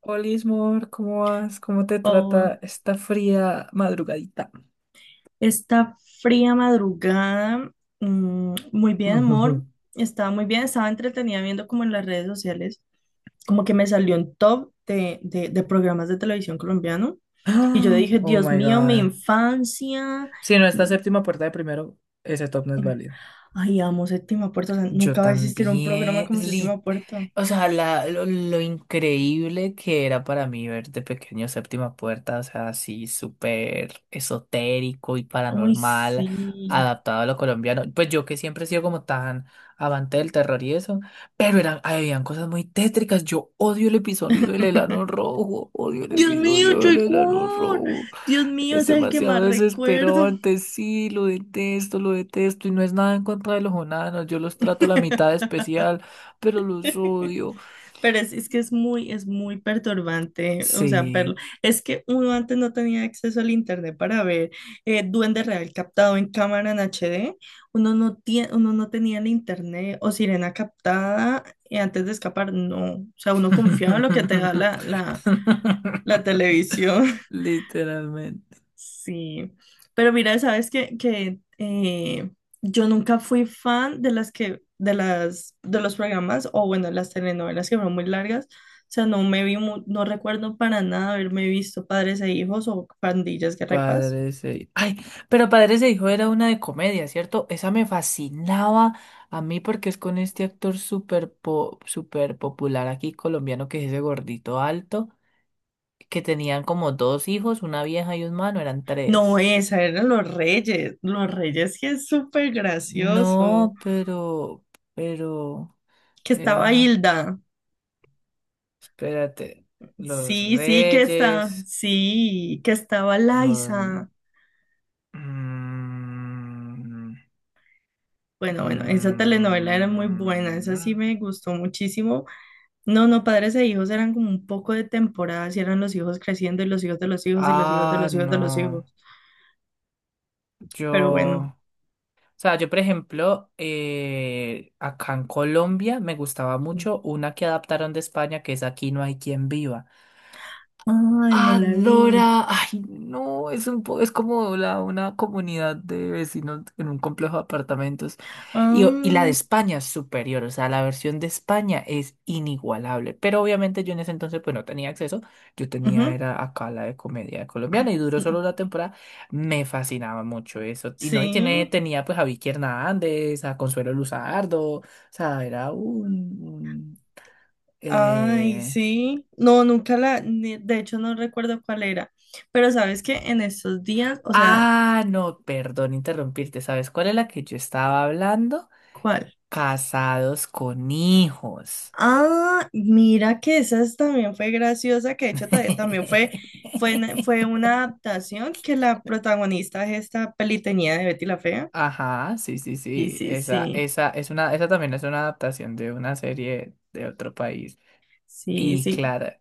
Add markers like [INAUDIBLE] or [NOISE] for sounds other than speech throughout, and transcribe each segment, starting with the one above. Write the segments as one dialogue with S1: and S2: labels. S1: Hola, Ismor, ¿cómo vas? ¿Cómo te trata
S2: Oh,
S1: esta fría madrugadita? [GASPS]
S2: esta fría madrugada, muy bien,
S1: [LAUGHS]
S2: amor. Estaba muy bien, estaba entretenida viendo como en las redes sociales, como que me salió un top de programas de televisión colombiano. Y yo
S1: Ah,
S2: dije,
S1: oh
S2: Dios
S1: my
S2: mío, mi
S1: God.
S2: infancia.
S1: Si no, esta
S2: mm,
S1: séptima puerta de primero, ese top no es válido.
S2: Ay, amo Séptima Puerta. O sea,
S1: Yo
S2: nunca va a existir un programa
S1: también,
S2: como
S1: lit-
S2: Séptima Puerta.
S1: o sea, la, lo, lo increíble que era para mí ver de pequeño Séptima Puerta, o sea, así súper esotérico y
S2: Uy,
S1: paranormal,
S2: sí.
S1: adaptado a lo colombiano. Pues yo que siempre he sido como tan avante del terror y eso, pero habían cosas muy tétricas. Yo odio el episodio del enano
S2: [LAUGHS]
S1: rojo, odio el
S2: Dios mío,
S1: episodio del
S2: Choy
S1: enano
S2: Cuor.
S1: rojo.
S2: Dios mío,
S1: Es
S2: es el que
S1: demasiado
S2: más recuerdo.
S1: desesperante, sí, lo detesto y no es nada en contra de los onanos, yo los trato la mitad de
S2: [LAUGHS]
S1: especial, pero los odio.
S2: Pero es que es muy perturbante, o sea,
S1: Sí.
S2: verlo. Es que uno antes no tenía acceso al internet para ver Duende Real captado en cámara en HD, uno no tenía el internet o sirena captada antes de escapar, no. O sea, uno confiaba en lo que te da la
S1: [LAUGHS]
S2: televisión.
S1: Literalmente.
S2: Sí, pero mira, sabes que, yo nunca fui fan de las que, de las, de los programas, o bueno, las telenovelas que fueron muy largas. O sea, no me vi, no recuerdo para nada haberme visto Padres e Hijos o Pandillas, Guerra y Paz.
S1: Padres ese hijo. Ay, pero padres ese hijo era una de comedia, ¿cierto? Esa me fascinaba a mí porque es con este actor súper popular aquí colombiano que es ese gordito alto. Que tenían como dos hijos, una vieja y un mano, eran
S2: No,
S1: tres.
S2: esa eran Los Reyes, Los Reyes que es súper gracioso.
S1: No, pero,
S2: Que estaba
S1: era,
S2: Hilda,
S1: espérate, los reyes,
S2: sí, que estaba
S1: los...
S2: Liza.
S1: mm,
S2: Bueno, bueno, esa telenovela era muy buena,
S1: mm,
S2: esa sí me gustó muchísimo. No, no, padres e hijos eran como un poco de temporadas y eran los hijos creciendo y los hijos de los hijos y los hijos de
S1: ah,
S2: los hijos de los
S1: no,
S2: hijos. Pero bueno.
S1: yo... o sea, yo, por ejemplo, acá en Colombia me gustaba mucho una que adaptaron de España, que es Aquí no hay quien viva.
S2: Ay, no la vi.
S1: Adora, ay no, es es como una comunidad de vecinos en un complejo de apartamentos. Y, y la de
S2: Ah,
S1: España es superior, o sea, la versión de España es inigualable. Pero obviamente yo en ese entonces pues no tenía acceso, yo tenía
S2: ujú.
S1: era acá la de comedia colombiana y duró solo una temporada. Me fascinaba mucho eso. Y no, y
S2: Sí.
S1: tenía pues a Vicky Hernández, a Consuelo Luzardo, o sea,
S2: Ay,
S1: eh,
S2: sí. No, nunca la, ni- De hecho no recuerdo cuál era. Pero sabes que en estos días, o sea,
S1: ah, no, perdón interrumpirte. ¿Sabes cuál es la que yo estaba hablando?
S2: ¿cuál?
S1: Casados con hijos.
S2: Ah, mira que también fue graciosa, que de hecho también fue una
S1: [LAUGHS]
S2: adaptación que la protagonista de esta peli tenía de Betty la Fea.
S1: Ajá, sí, sí,
S2: Sí,
S1: sí.
S2: sí, sí,
S1: Esa es una, esa también es una adaptación de una serie de otro país.
S2: sí,
S1: Y
S2: sí.
S1: claro,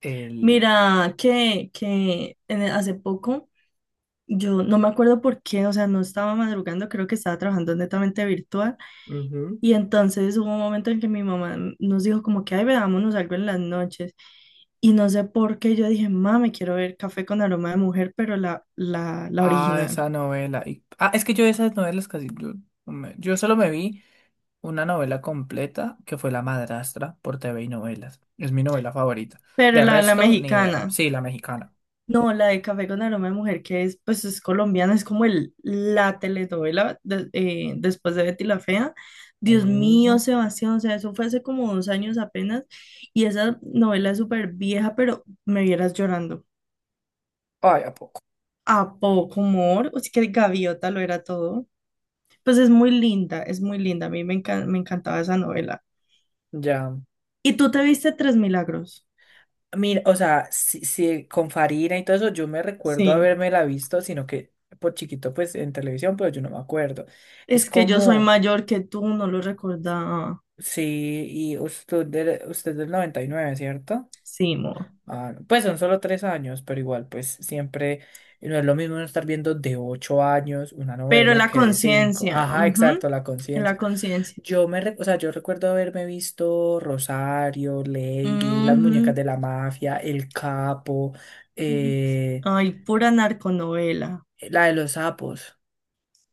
S1: el,
S2: Mira que, hace poco, yo no me acuerdo por qué, o sea, no estaba madrugando, creo que estaba trabajando netamente virtual. Y entonces hubo un momento en que mi mamá nos dijo como que, ay, veámonos algo en las noches. Y no sé por qué yo dije, mami, quiero ver Café con aroma de mujer, pero la
S1: ah,
S2: original.
S1: esa novela. Ah, es que yo esas novelas casi... Yo solo me vi una novela completa que fue La Madrastra por TV y Novelas. Es mi novela favorita.
S2: Pero
S1: De
S2: la
S1: resto, ni idea.
S2: mexicana.
S1: Sí, la mexicana.
S2: No, la de Café con aroma de mujer, que es, pues, es colombiana, es como la telenovela después de Betty la Fea. Dios mío,
S1: Mm,
S2: Sebastián, o sea, eso fue hace como dos años apenas. Y esa novela es súper vieja, pero me vieras llorando.
S1: ay, ¿a poco?
S2: A poco humor, o sea que Gaviota lo era todo. Pues es muy linda, es muy linda. A mí me encantaba esa novela.
S1: Ya.
S2: ¿Y tú te viste Tres Milagros?
S1: Mira, o sea, si con Farina y todo eso, yo me recuerdo
S2: Sí,
S1: haberme la visto, sino que por chiquito, pues en televisión, pero yo no me acuerdo. Es
S2: es que yo soy
S1: como,
S2: mayor que tú, no lo recordaba.
S1: sí, y usted del noventa y nueve, ¿cierto?
S2: Sí, amor.
S1: Ah, no, pues son solo tres años, pero igual, pues siempre no es lo mismo uno estar viendo de ocho años una
S2: Pero en
S1: novela
S2: la
S1: que de cinco.
S2: conciencia,
S1: Ajá,
S2: ujú,
S1: exacto, la
S2: en la
S1: conciencia.
S2: conciencia.
S1: O sea, yo recuerdo haberme visto Rosario, Lady, Las muñecas
S2: Ujú,
S1: de la mafia, El Capo,
S2: ujú.
S1: eh,
S2: Ay, pura narconovela.
S1: la de los sapos.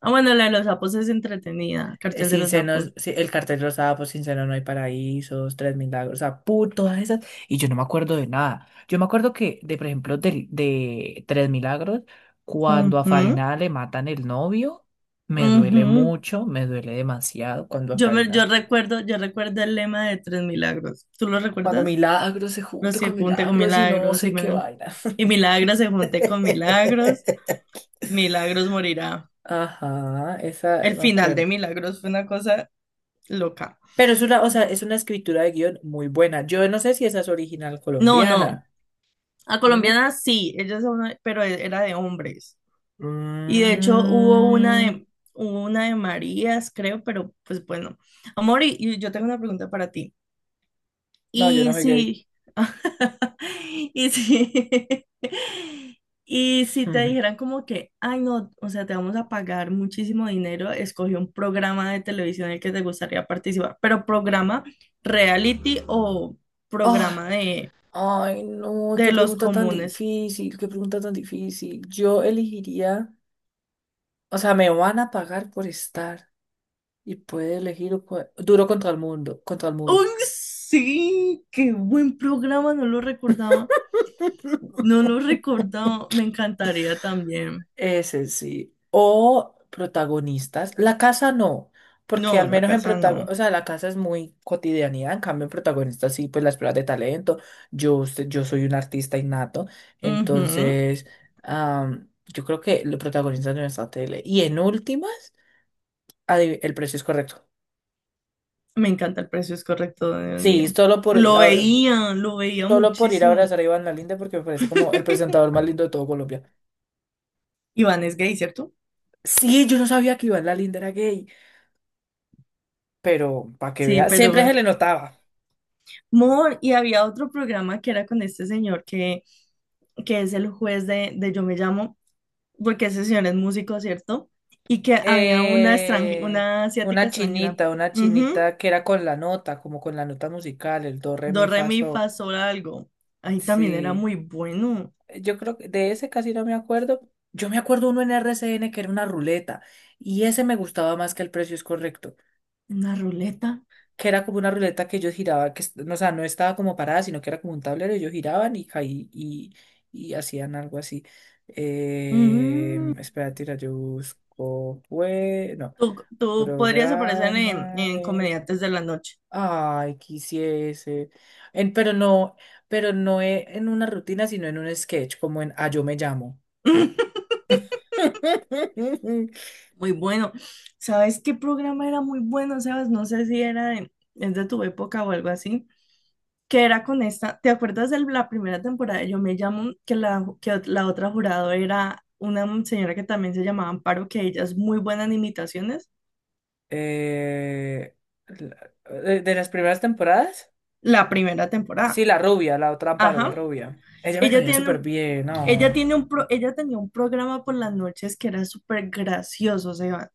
S2: Ah, bueno, la de los sapos es entretenida, Cartel de
S1: Sin
S2: los
S1: senos,
S2: sapos.
S1: sí, el cartel rosado, pues sin senos no hay paraísos, tres milagros, o sea, todas esas. Y yo no me acuerdo de nada. Yo me acuerdo que, de por ejemplo, tres milagros, cuando a
S2: Ujú,
S1: Farina le matan el novio, me duele
S2: ujú.
S1: mucho, me duele demasiado cuando a Farina
S2: Yo recuerdo el lema de Tres Milagros. ¿Tú lo
S1: cuando
S2: recuerdas?
S1: Milagros se
S2: Los
S1: junte
S2: se
S1: con
S2: junte con
S1: Milagros y no
S2: milagros y,
S1: sé qué
S2: mira-
S1: vaina.
S2: Y milagros se junte con milagros,
S1: [LAUGHS]
S2: milagros morirá.
S1: Ajá, esa
S2: El
S1: me
S2: final de
S1: acuerdo.
S2: Milagros fue una cosa loca.
S1: Pero es una, o sea, es una escritura de guión muy buena. Yo no sé si esa es original
S2: No, no.
S1: colombiana.
S2: A
S1: No.
S2: colombianas sí, pero era de hombres. Y de hecho
S1: Mm,
S2: hubo una de Marías, creo, pero pues bueno. Amor, y yo tengo una pregunta para ti.
S1: no, yo no
S2: Y
S1: soy gay.
S2: sí, [LAUGHS] y sí, [LAUGHS] y si te
S1: [LAUGHS]
S2: dijeran como que, ay no, o sea, te vamos a pagar muchísimo dinero, escoge un programa de televisión en el que te gustaría participar, pero programa reality o programa
S1: Ah, ay, no, qué
S2: de los
S1: pregunta tan
S2: comunes.
S1: difícil, qué pregunta tan difícil. Yo elegiría, o sea, me van a pagar por estar y puede elegir duro contra el mundo, contra el muro.
S2: ¡Uy, sí! ¡Qué buen programa! No lo recordaba, no
S1: [LAUGHS]
S2: lo recordaba, me encantaría también.
S1: Ese sí. O protagonistas. La casa no,
S2: No,
S1: porque al
S2: la
S1: menos en
S2: casa
S1: protagonistas, o
S2: no.
S1: sea, la casa es muy cotidianidad, en cambio en protagonistas sí, pues las pruebas de talento. Yo soy un artista innato,
S2: Ujú.
S1: entonces yo creo que los protagonistas de nuestra tele. Y en últimas, el precio es correcto.
S2: Me encanta el precio es correcto, Dios mío.
S1: Sí,
S2: Lo veía
S1: solo por ir a
S2: muchísimo.
S1: abrazar a Iván Lalinda porque me parece como el
S2: [LAUGHS]
S1: presentador más lindo de todo Colombia.
S2: Iván es gay, ¿cierto?
S1: Sí, yo no sabía que Iván Lalinda era gay, pero para que
S2: Sí,
S1: veas,
S2: pero
S1: siempre se
S2: bueno.
S1: le notaba.
S2: Mor, y había otro programa que era con este señor que es el juez de Yo Me Llamo, porque ese señor es músico, ¿cierto? Y que había
S1: Eh,
S2: una asiática extranjera.
S1: una
S2: Ujú.
S1: chinita que era con la nota, como con la nota musical, el do, re,
S2: Do,
S1: mi,
S2: re,
S1: fa,
S2: mi,
S1: sol.
S2: fa, sol, algo. Ahí también era
S1: Sí,
S2: muy bueno.
S1: yo creo que de ese casi no me acuerdo. Yo me acuerdo uno en R C N que era una ruleta y ese me gustaba más que el precio es correcto,
S2: Una ruleta.
S1: que era como una ruleta que ellos giraban, no, o sea, no estaba como parada, sino que era como un tablero, ellos giraban y y hacían algo así.
S2: Ujú.
S1: Espera, tira, yo busco, pues, no.
S2: Tú podrías aparecer
S1: Programa,
S2: en Comediantes de la Noche.
S1: ay, quisiese. Pero no, pero no e- en una rutina, sino en un sketch, como en ah, yo me llamo.
S2: [LAUGHS]
S1: [LAUGHS]
S2: Muy bueno. ¿Sabes qué programa era muy bueno, Sebas? No sé si era de, es de tu época o algo así. Que era con esta, ¿te acuerdas de la primera temporada de Yo me llamo, que la otra jurado era una señora que también se llamaba Amparo, que ella es muy buena en imitaciones?
S1: Eh, la- de las primeras temporadas.
S2: La primera
S1: Sí,
S2: temporada.
S1: la rubia, la otra Amparo, la
S2: Ajá.
S1: rubia. Ella me
S2: Ella
S1: caía súper
S2: tiene,
S1: bien, no.
S2: Ella tenía un programa por las noches que era súper gracioso, Sebas.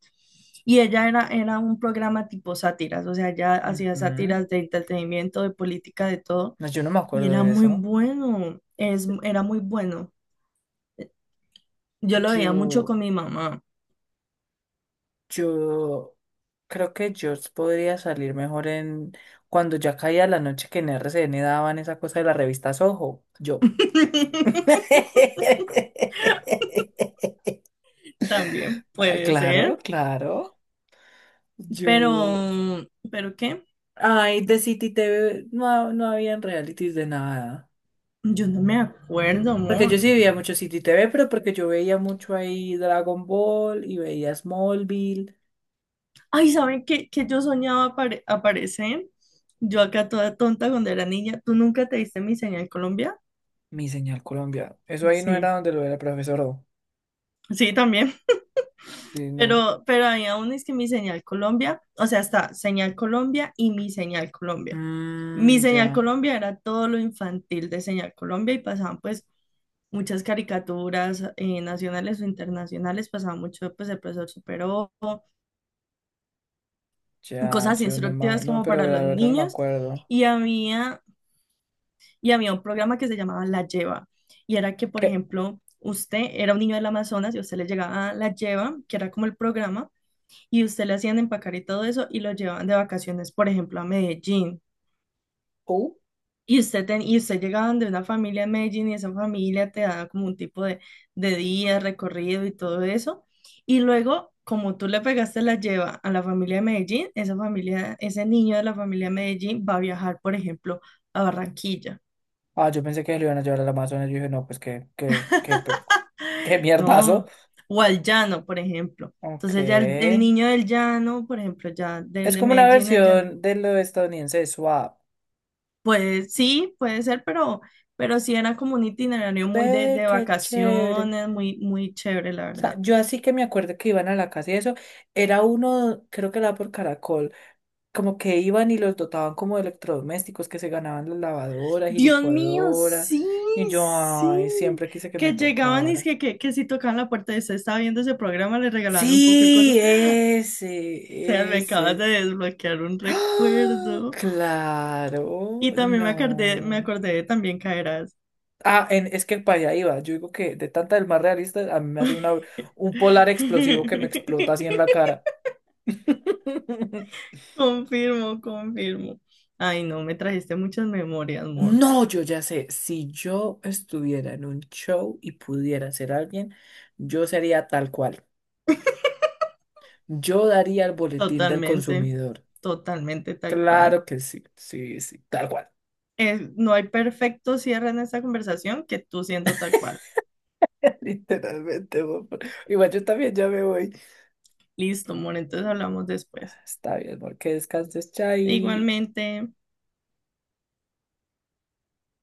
S2: Y era un programa tipo sátiras, o sea, ella hacía
S1: Ujú.
S2: sátiras de entretenimiento, de política, de todo.
S1: No, yo no me
S2: Y
S1: acuerdo
S2: era
S1: de
S2: muy
S1: eso.
S2: bueno, era muy bueno. Yo lo veía mucho
S1: Yo,
S2: con mi mamá.
S1: yo creo que yo podría salir mejor en cuando ya caía la noche que en R C N daban esa cosa de la revista Soho. Yo.
S2: [LAUGHS]
S1: [LAUGHS]
S2: También
S1: Ah,
S2: puede
S1: claro,
S2: ser,
S1: claro. Yo.
S2: pero, ¿pero qué?
S1: Ay, de City TV no, no habían realities de nada.
S2: Yo no me acuerdo,
S1: Porque yo
S2: amor.
S1: sí veía mucho City TV, pero porque yo veía mucho ahí Dragon Ball y veía Smallville.
S2: Ay, ¿saben qué, yo soñaba aparecer? Yo acá toda tonta cuando era niña. ¿Tú nunca te diste mi señal Colombia?
S1: Mi señal Colombia. Eso ahí no
S2: Sí,
S1: era donde lo era el profesor. O.
S2: sí, también.
S1: Sí, no.
S2: Pero había aún es que mi señal Colombia, o sea, está señal Colombia y mi señal Colombia. Mi
S1: Mmm,
S2: señal
S1: ya.
S2: Colombia era todo lo infantil de señal Colombia y pasaban pues muchas caricaturas nacionales o internacionales, pasaba mucho pues el profesor Superó,
S1: Ya,
S2: cosas
S1: yo no me.
S2: instructivas
S1: No,
S2: como
S1: pero
S2: para los
S1: la verdad no me
S2: niños.
S1: acuerdo.
S2: Y había y había un programa que se llamaba La Lleva. Y era que, por
S1: ¿Qué?
S2: ejemplo, usted era un niño del Amazonas y usted le llegaba a La Lleva, que era como el programa, y usted le hacían empacar y todo eso y lo llevaban de vacaciones, por ejemplo, a Medellín.
S1: ¿Uh?
S2: Y y usted llegaba de una familia en Medellín y esa familia te daba como un tipo de día, recorrido y todo eso. Y luego, como tú le pegaste la lleva a la familia de Medellín, esa familia, ese niño de la familia de Medellín va a viajar, por ejemplo, a Barranquilla.
S1: Ah, yo pensé que lo iban a llevar al Amazonas. Yo dije, no, pues qué mierdazo.
S2: ¿No? O al llano, por ejemplo.
S1: Ok.
S2: Entonces ya el niño del llano, por ejemplo, ya del
S1: Es
S2: de
S1: como una
S2: Medellín allá,
S1: versión de lo estadounidense de Swap.
S2: pues sí, puede ser, pero sí era como un itinerario muy
S1: Ve,
S2: de
S1: qué chévere.
S2: vacaciones, muy, muy chévere, la
S1: O sea,
S2: verdad.
S1: yo así que me acuerdo que iban a la casa y eso. Era uno, creo que era por Caracol. Como que iban y los dotaban como de electrodomésticos que se ganaban las lavadoras y
S2: Dios mío,
S1: licuadoras.
S2: sí,
S1: Y yo, ay,
S2: sí.
S1: siempre quise que me
S2: Que llegaban y es
S1: tocara.
S2: que si tocaban la puerta y usted estaba viendo ese programa, le regalaban un poco de cosas.
S1: Sí,
S2: O sea, me acabas
S1: ese.
S2: de desbloquear un
S1: ¡Ah!
S2: recuerdo. Y
S1: Claro,
S2: también me
S1: no.
S2: acordé de también caerás.
S1: Ah, es que para allá iba. Yo digo que de tanta del más realista, a mí me hace un polar explosivo que me explota así en la
S2: [LAUGHS]
S1: cara. [LAUGHS]
S2: Confirmo, confirmo. Ay, no, me trajiste muchas memorias, amor.
S1: No, yo ya sé, si yo estuviera en un show y pudiera ser alguien, yo sería tal cual. Yo daría el boletín del
S2: Totalmente,
S1: consumidor.
S2: totalmente tal cual.
S1: Claro que sí, sí, sí, tal cual.
S2: Es- no hay perfecto cierre en esta conversación que tú siendo tal cual.
S1: [LAUGHS] Literalmente, amor. Igual yo también ya me voy.
S2: Listo, amor, entonces hablamos después.
S1: Está bien, amor, que descanses, chai.
S2: Igualmente.